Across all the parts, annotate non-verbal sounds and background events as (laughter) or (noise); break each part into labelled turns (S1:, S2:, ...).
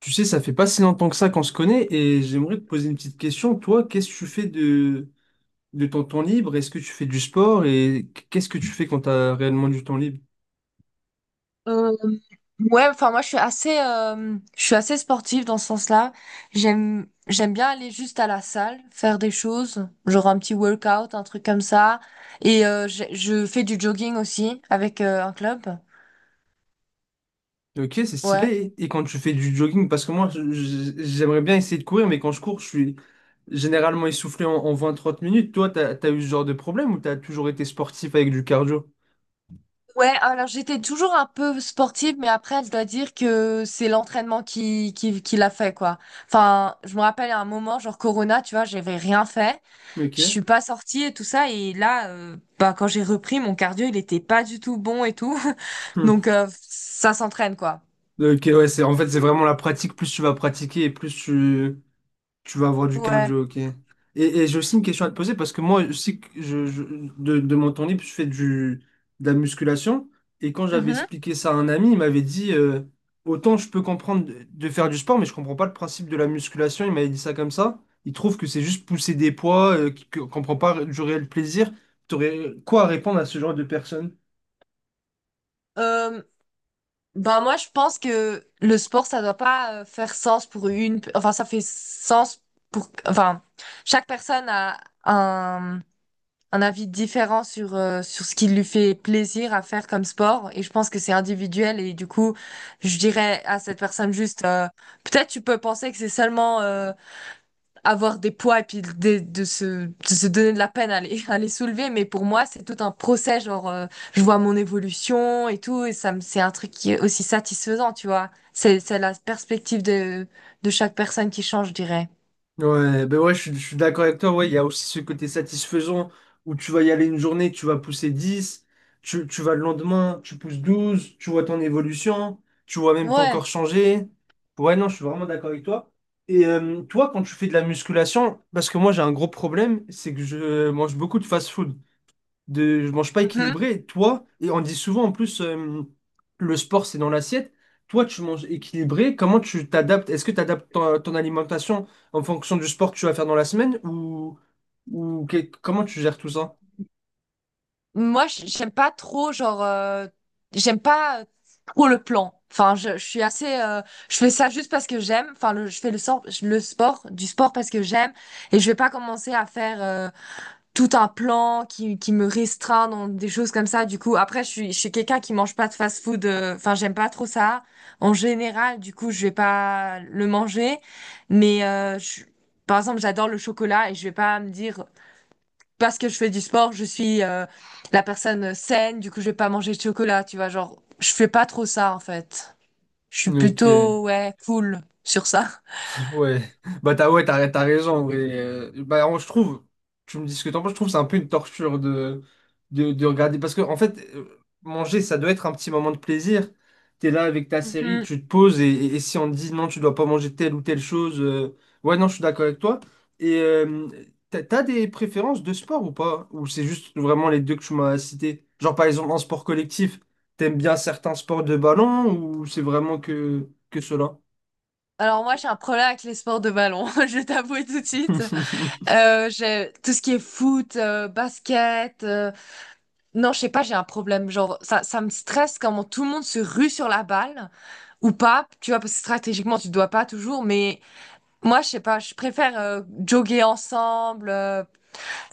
S1: Tu sais, ça fait pas si longtemps que ça qu'on se connaît et j'aimerais te poser une petite question. Toi, qu'est-ce que tu fais de ton temps libre? Est-ce que tu fais du sport et qu'est-ce que tu fais quand tu as réellement du temps libre?
S2: Euh, ouais, enfin moi je suis assez sportive dans ce sens-là. J'aime bien aller juste à la salle, faire des choses, genre un petit workout, un truc comme ça. Je fais du jogging aussi avec un club.
S1: Ok, c'est
S2: Ouais.
S1: stylé. Et quand tu fais du jogging, parce que moi, j'aimerais bien essayer de courir, mais quand je cours, je suis généralement essoufflé en 20-30 minutes. Toi, t'as eu ce genre de problème ou t'as toujours été sportif avec du cardio?
S2: Ouais, alors j'étais toujours un peu sportive, mais après je dois dire que c'est l'entraînement qui l'a fait, quoi. Enfin, je me rappelle à un moment, genre Corona, tu vois, j'avais rien fait. Je
S1: Ok.
S2: suis pas sortie et tout ça, et là bah quand j'ai repris mon cardio il était pas du tout bon et tout. (laughs)
S1: Hmm.
S2: Donc ça s'entraîne, quoi.
S1: Ok, ouais, c'est, en fait, c'est vraiment la pratique. Plus tu vas pratiquer et plus tu, tu vas avoir du
S2: Ouais.
S1: cardio, ok. Et j'ai aussi une question à te poser parce que moi, je sais que de mon temps libre, je fais de la musculation. Et quand j'avais
S2: Mhm.
S1: expliqué ça à un ami, il m'avait dit autant je peux comprendre de faire du sport, mais je comprends pas le principe de la musculation. Il m'avait dit ça comme ça. Il trouve que c'est juste pousser des poids, qu'on comprend pas du réel plaisir. T'aurais quoi à répondre à ce genre de personne?
S2: Euh, Bah moi je pense que le sport ça doit pas faire sens pour une, enfin ça fait sens pour, enfin, chaque personne a un un avis différent sur, sur ce qui lui fait plaisir à faire comme sport, et je pense que c'est individuel. Et du coup je dirais à cette personne juste, peut-être tu peux penser que c'est seulement, avoir des poids et puis de se donner de la peine à les, (laughs) à les soulever. Mais pour moi, c'est tout un procès, genre, je vois mon évolution et tout, et c'est un truc qui est aussi satisfaisant, tu vois. C'est la perspective de chaque personne qui change, je dirais.
S1: Ouais, ben ouais, je suis d'accord avec toi. Ouais, il y a aussi ce côté satisfaisant où tu vas y aller une journée, tu vas pousser 10 tu vas le lendemain, tu pousses 12 tu vois ton évolution, tu vois même ton
S2: Ouais.
S1: corps changer. Ouais, non, je suis vraiment d'accord avec toi. Et toi, quand tu fais de la musculation, parce que moi j'ai un gros problème, c'est que je mange beaucoup de fast-food de je mange pas
S2: Mhm.
S1: équilibré. Toi, et on dit souvent en plus le sport c'est dans l'assiette. Toi, tu manges équilibré. Comment tu t'adaptes? Est-ce que tu adaptes ton alimentation en fonction du sport que tu vas faire dans la semaine ou, comment tu gères tout ça?
S2: Moi, j'aime pas trop, genre, j'aime pas trop le plan. Enfin, je suis je fais ça juste parce que j'aime. Enfin, je fais le, sor- le sport, du sport parce que j'aime. Et je vais pas commencer à faire tout un plan qui me restreint dans des choses comme ça. Du coup, après, je suis quelqu'un qui mange pas de fast-food. Enfin, j'aime pas trop ça. En général, du coup, je vais pas le manger. Mais euh, je- Par exemple, j'adore le chocolat et je vais pas me dire, parce que je fais du sport, je suis la personne saine. Du coup, je vais pas manger de chocolat. Tu vois, genre, je fais pas trop ça en fait. Je suis
S1: Ok.
S2: plutôt, ouais, cool sur ça.
S1: Ouais, t'as raison. En vrai. Je trouve, tu me dis ce que t'en penses, je trouve que c'est un peu une torture de regarder. Parce que en fait, manger, ça doit être un petit moment de plaisir. T'es là avec ta série,
S2: Mhm.
S1: tu te poses, et si on te dit non, tu dois pas manger telle ou telle chose, ouais, non, je suis d'accord avec toi. Et t'as des préférences de sport ou pas? Ou c'est juste vraiment les deux que tu m'as cités? Genre par exemple en sport collectif, t'aimes bien certains sports de ballon ou c'est vraiment que cela?
S2: Alors moi, j'ai un problème avec les sports de ballon. (laughs) Je vais t'avouer tout de suite.
S1: (laughs)
S2: J'ai tout ce qui est foot, basket. Non, je sais pas, j'ai un problème. Genre, ça me stresse comment tout le monde se rue sur la balle, ou pas. Tu vois, parce que stratégiquement, tu dois pas toujours. Mais moi, je sais pas, je préfère jogger ensemble.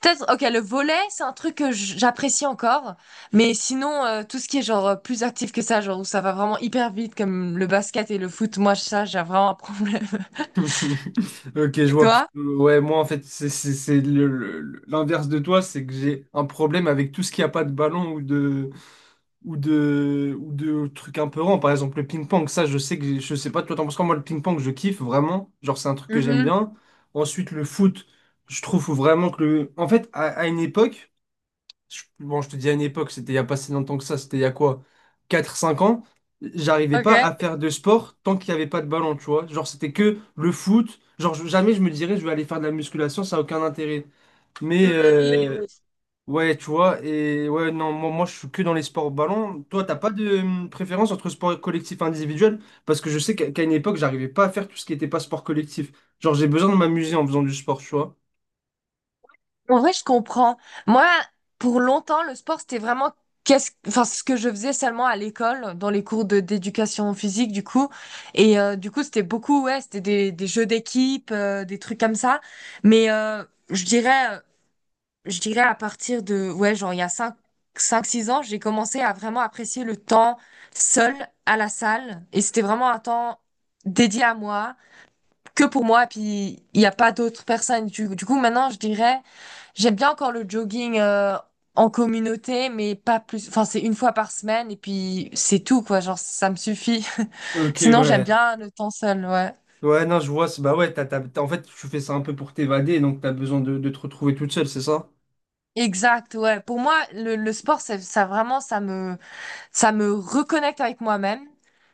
S2: Peut-être, ok, le volley, c'est un truc que j'apprécie encore. Mais sinon, tout ce qui est genre plus actif que ça, genre où ça va vraiment hyper vite, comme le basket et le foot, moi, ça, j'ai vraiment un problème. (laughs)
S1: (laughs) Ok, je
S2: Et
S1: vois.
S2: toi?
S1: Ouais, moi, en fait, c'est l'inverse de toi, c'est que j'ai un problème avec tout ce qui a pas de ballon ou de, ou de trucs un peu rangs. Par exemple, le ping-pong, ça, je sais pas, toi, t'en penses quoi? Moi, le ping-pong, je kiffe vraiment. Genre, c'est un truc que j'aime
S2: Mhm.
S1: bien. Ensuite, le foot, je trouve vraiment que le. En fait, à une époque bon, je te dis à une époque, c'était il y a pas si longtemps que ça, c'était il y a quoi, 4 5 ans, j'arrivais
S2: Ok.
S1: pas à faire de sport tant qu'il n'y avait pas de ballon, tu vois. Genre, c'était que le foot. Genre, jamais je me dirais, je vais aller faire de la musculation, ça n'a aucun intérêt. Mais,
S2: Mhm.
S1: ouais, tu vois, et ouais, non, moi, je suis que dans les sports ballon. Toi, t'as pas de préférence entre sport collectif et individuel? Parce que je sais qu'à une époque, j'arrivais pas à faire tout ce qui n'était pas sport collectif. Genre, j'ai besoin de m'amuser en faisant du sport, tu vois.
S2: En vrai, je comprends. Moi, pour longtemps, le sport, c'était vraiment, enfin, ce que je faisais seulement à l'école, dans les cours de d'éducation physique, du coup. Du coup, c'était beaucoup, ouais, c'était des jeux d'équipe, des trucs comme ça. Mais euh, je dirais, je dirais à partir de, ouais, genre, il y a 5, 6 ans, j'ai commencé à vraiment apprécier le temps seul à la salle. Et c'était vraiment un temps dédié à moi, que pour moi, puis il n'y a pas d'autres personnes. Du coup, maintenant, je dirais, j'aime bien encore le jogging en communauté, mais pas plus. Enfin, c'est une fois par semaine, et puis c'est tout, quoi. Genre, ça me suffit. (laughs)
S1: Ok,
S2: Sinon, j'aime
S1: ouais.
S2: bien le temps seul, ouais.
S1: Ouais, non, je vois. Bah ouais, en fait, tu fais ça un peu pour t'évader, donc t'as besoin de te retrouver toute seule, c'est ça?
S2: Exact, ouais. Pour moi, le sport, ça vraiment, ça me reconnecte avec moi-même.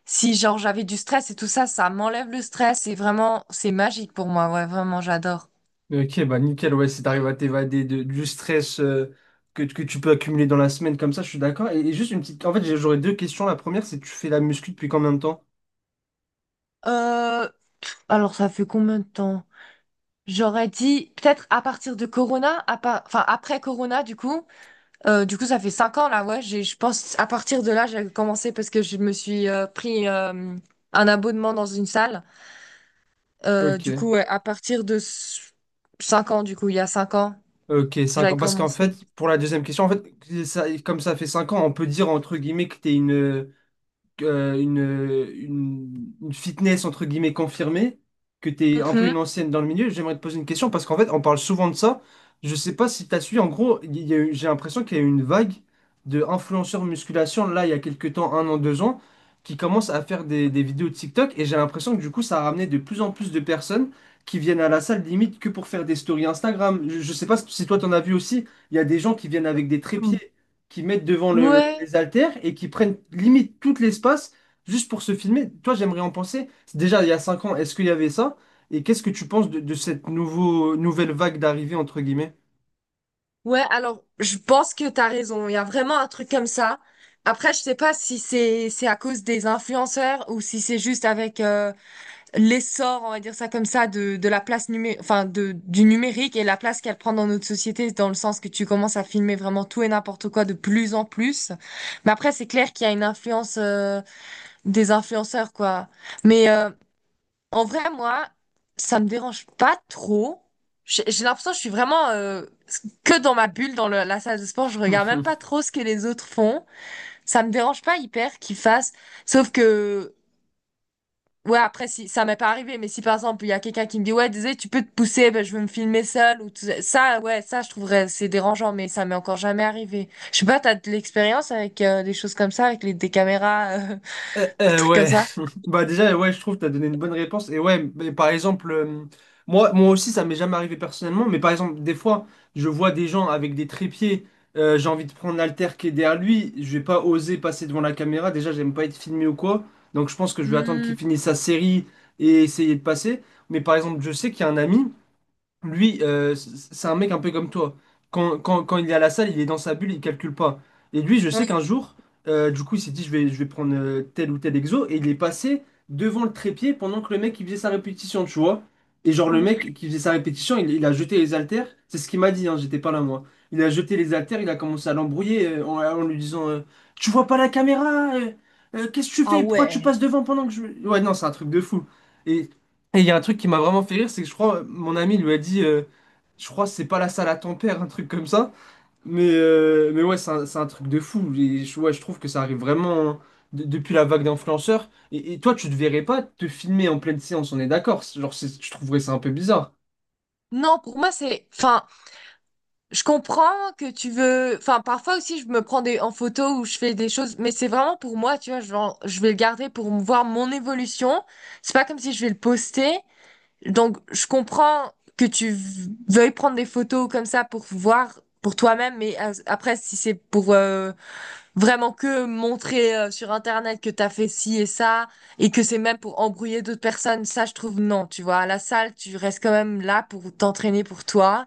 S2: Si, genre, j'avais du stress et tout ça, ça m'enlève le stress. Et vraiment, c'est magique pour moi, ouais, vraiment, j'adore.
S1: Ok, bah nickel, ouais, si t'arrives à du stress que tu peux accumuler dans la semaine comme ça, je suis d'accord. Et juste une petite... En fait, j'aurais deux questions. La première, c'est tu fais la muscu depuis combien de temps?
S2: Euh, alors, ça fait combien de temps? J'aurais dit peut-être à partir de Corona, enfin après Corona du coup. Du coup ça fait 5 ans là, ouais, je pense à partir de là j'ai commencé parce que je me suis pris un abonnement dans une salle. Du
S1: Ok.
S2: coup ouais, à partir de 5 ans du coup, il y a 5 ans,
S1: Ok, cinq
S2: j'avais
S1: ans. Parce qu'en fait,
S2: commencé.
S1: pour la deuxième question, en fait, comme ça fait 5 ans, on peut dire entre guillemets que t'es euh, une, une fitness entre guillemets confirmée, que tu es un peu
S2: Mhm.
S1: une ancienne dans le milieu, j'aimerais te poser une question parce qu'en fait, on parle souvent de ça. Je sais pas si tu as suivi, en gros, il y a eu- j'ai l'impression qu'il y a eu une vague de influenceurs musculation là, il y a quelques temps, 1 an, 2 ans, qui commencent à faire des vidéos de TikTok et j'ai l'impression que du coup, ça a ramené de plus en plus de personnes qui viennent à la salle limite que pour faire des stories Instagram. Je sais pas si toi, t'en as vu aussi, il y a des gens qui viennent avec des trépieds qui mettent devant
S2: Ouais,
S1: les haltères et qui prennent limite tout l'espace juste pour se filmer. Toi, j'aimerais en penser. Déjà, il y a 5 ans, est-ce qu'il y avait ça? Et qu'est-ce que tu penses de cette nouvelle vague d'arrivée, entre guillemets?
S2: ouais, alors je pense que t'as raison, il y a vraiment un truc comme ça. Après, je sais pas si c'est à cause des influenceurs ou si c'est juste avec l'essor, on va dire ça comme ça, de la place enfin du numérique et la place qu'elle prend dans notre société, dans le sens que tu commences à filmer vraiment tout et n'importe quoi de plus en plus. Mais après, c'est clair qu'il y a une influence des influenceurs, quoi. Mais euh, En vrai, moi, ça me dérange pas trop. J'ai l'impression que je suis vraiment, que dans ma bulle, dans la salle de sport. Je regarde même pas
S1: (laughs)
S2: trop ce que les autres font. Ça me dérange pas hyper qu'ils fassent. Sauf que. Ouais, après, si ça m'est pas arrivé, mais si par exemple, il y a quelqu'un qui me dit, ouais, désolé, tu peux te pousser, ben, je veux me filmer seul ou tout ça. Ça, je trouverais, c'est dérangeant, mais ça m'est encore jamais arrivé. Je sais pas, t'as de l'expérience avec des choses comme ça, avec des caméras, (laughs) des trucs comme
S1: Ouais,
S2: ça?
S1: bah déjà, ouais, je trouve que tu as donné une bonne réponse. Et ouais, mais par exemple, moi aussi, ça m'est jamais arrivé personnellement, mais par exemple, des fois, je vois des gens avec des trépieds, j'ai envie de prendre l'haltère qui est derrière lui, je vais pas oser passer devant la caméra, déjà, j'aime pas être filmé ou quoi, donc je pense que je vais attendre
S2: Hmm,
S1: qu'il finisse sa série et essayer de passer. Mais par exemple, je sais qu'il y a un ami. Lui, c'est un mec un peu comme toi. Quand il est à la salle, il est dans sa bulle, il calcule pas. Et lui, je sais
S2: ouais.
S1: qu'un jour, du coup, il s'est dit, je vais prendre tel ou tel exo, et il est passé devant le trépied pendant que le mec, il faisait sa répétition, tu vois. Et genre, le mec qui faisait sa répétition, il a jeté les haltères. C'est ce qu'il m'a dit, hein, j'étais pas là, moi. Il a jeté les haltères, il a commencé à l'embrouiller en lui disant, tu vois pas la caméra, qu'est-ce que tu
S2: Ah
S1: fais? Pourquoi tu
S2: ouais.
S1: passes devant pendant que je... Ouais, non, c'est un truc de fou. Et et il y a un truc qui m'a vraiment fait rire, c'est que je crois, mon ami lui a dit, je crois que c'est pas la salle à ton père, un truc comme ça. Mais ouais, c'est un truc de fou. Et je, ouais, je trouve que ça arrive vraiment depuis la vague d'influenceurs. Et toi, tu te verrais pas te filmer en pleine séance, on est d'accord. Je trouverais ça un peu bizarre.
S2: Non, pour moi, c'est, enfin, je comprends que tu veux, enfin, parfois aussi, je me prends en photo ou je fais des choses, mais c'est vraiment pour moi, tu vois, genre, je vais le garder pour voir mon évolution. C'est pas comme si je vais le poster. Donc, je comprends que veuilles prendre des photos comme ça pour voir pour toi-même. Mais après, si c'est pour, vraiment que montrer sur Internet que t'as fait ci et ça, et que c'est même pour embrouiller d'autres personnes, ça, je trouve non. Tu vois, à la salle, tu restes quand même là pour t'entraîner pour toi.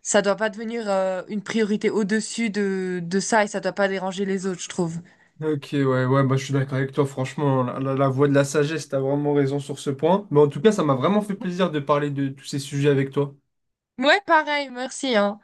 S2: Ça doit pas devenir une priorité au-dessus de ça, et ça doit pas déranger les autres, je trouve.
S1: Ok, ouais, ouais, bah, je suis d'accord avec toi, franchement, la voix de la sagesse, t'as vraiment raison sur ce point. Mais en tout cas, ça m'a vraiment fait plaisir de parler de tous ces sujets avec toi.
S2: Ouais, pareil, merci, hein.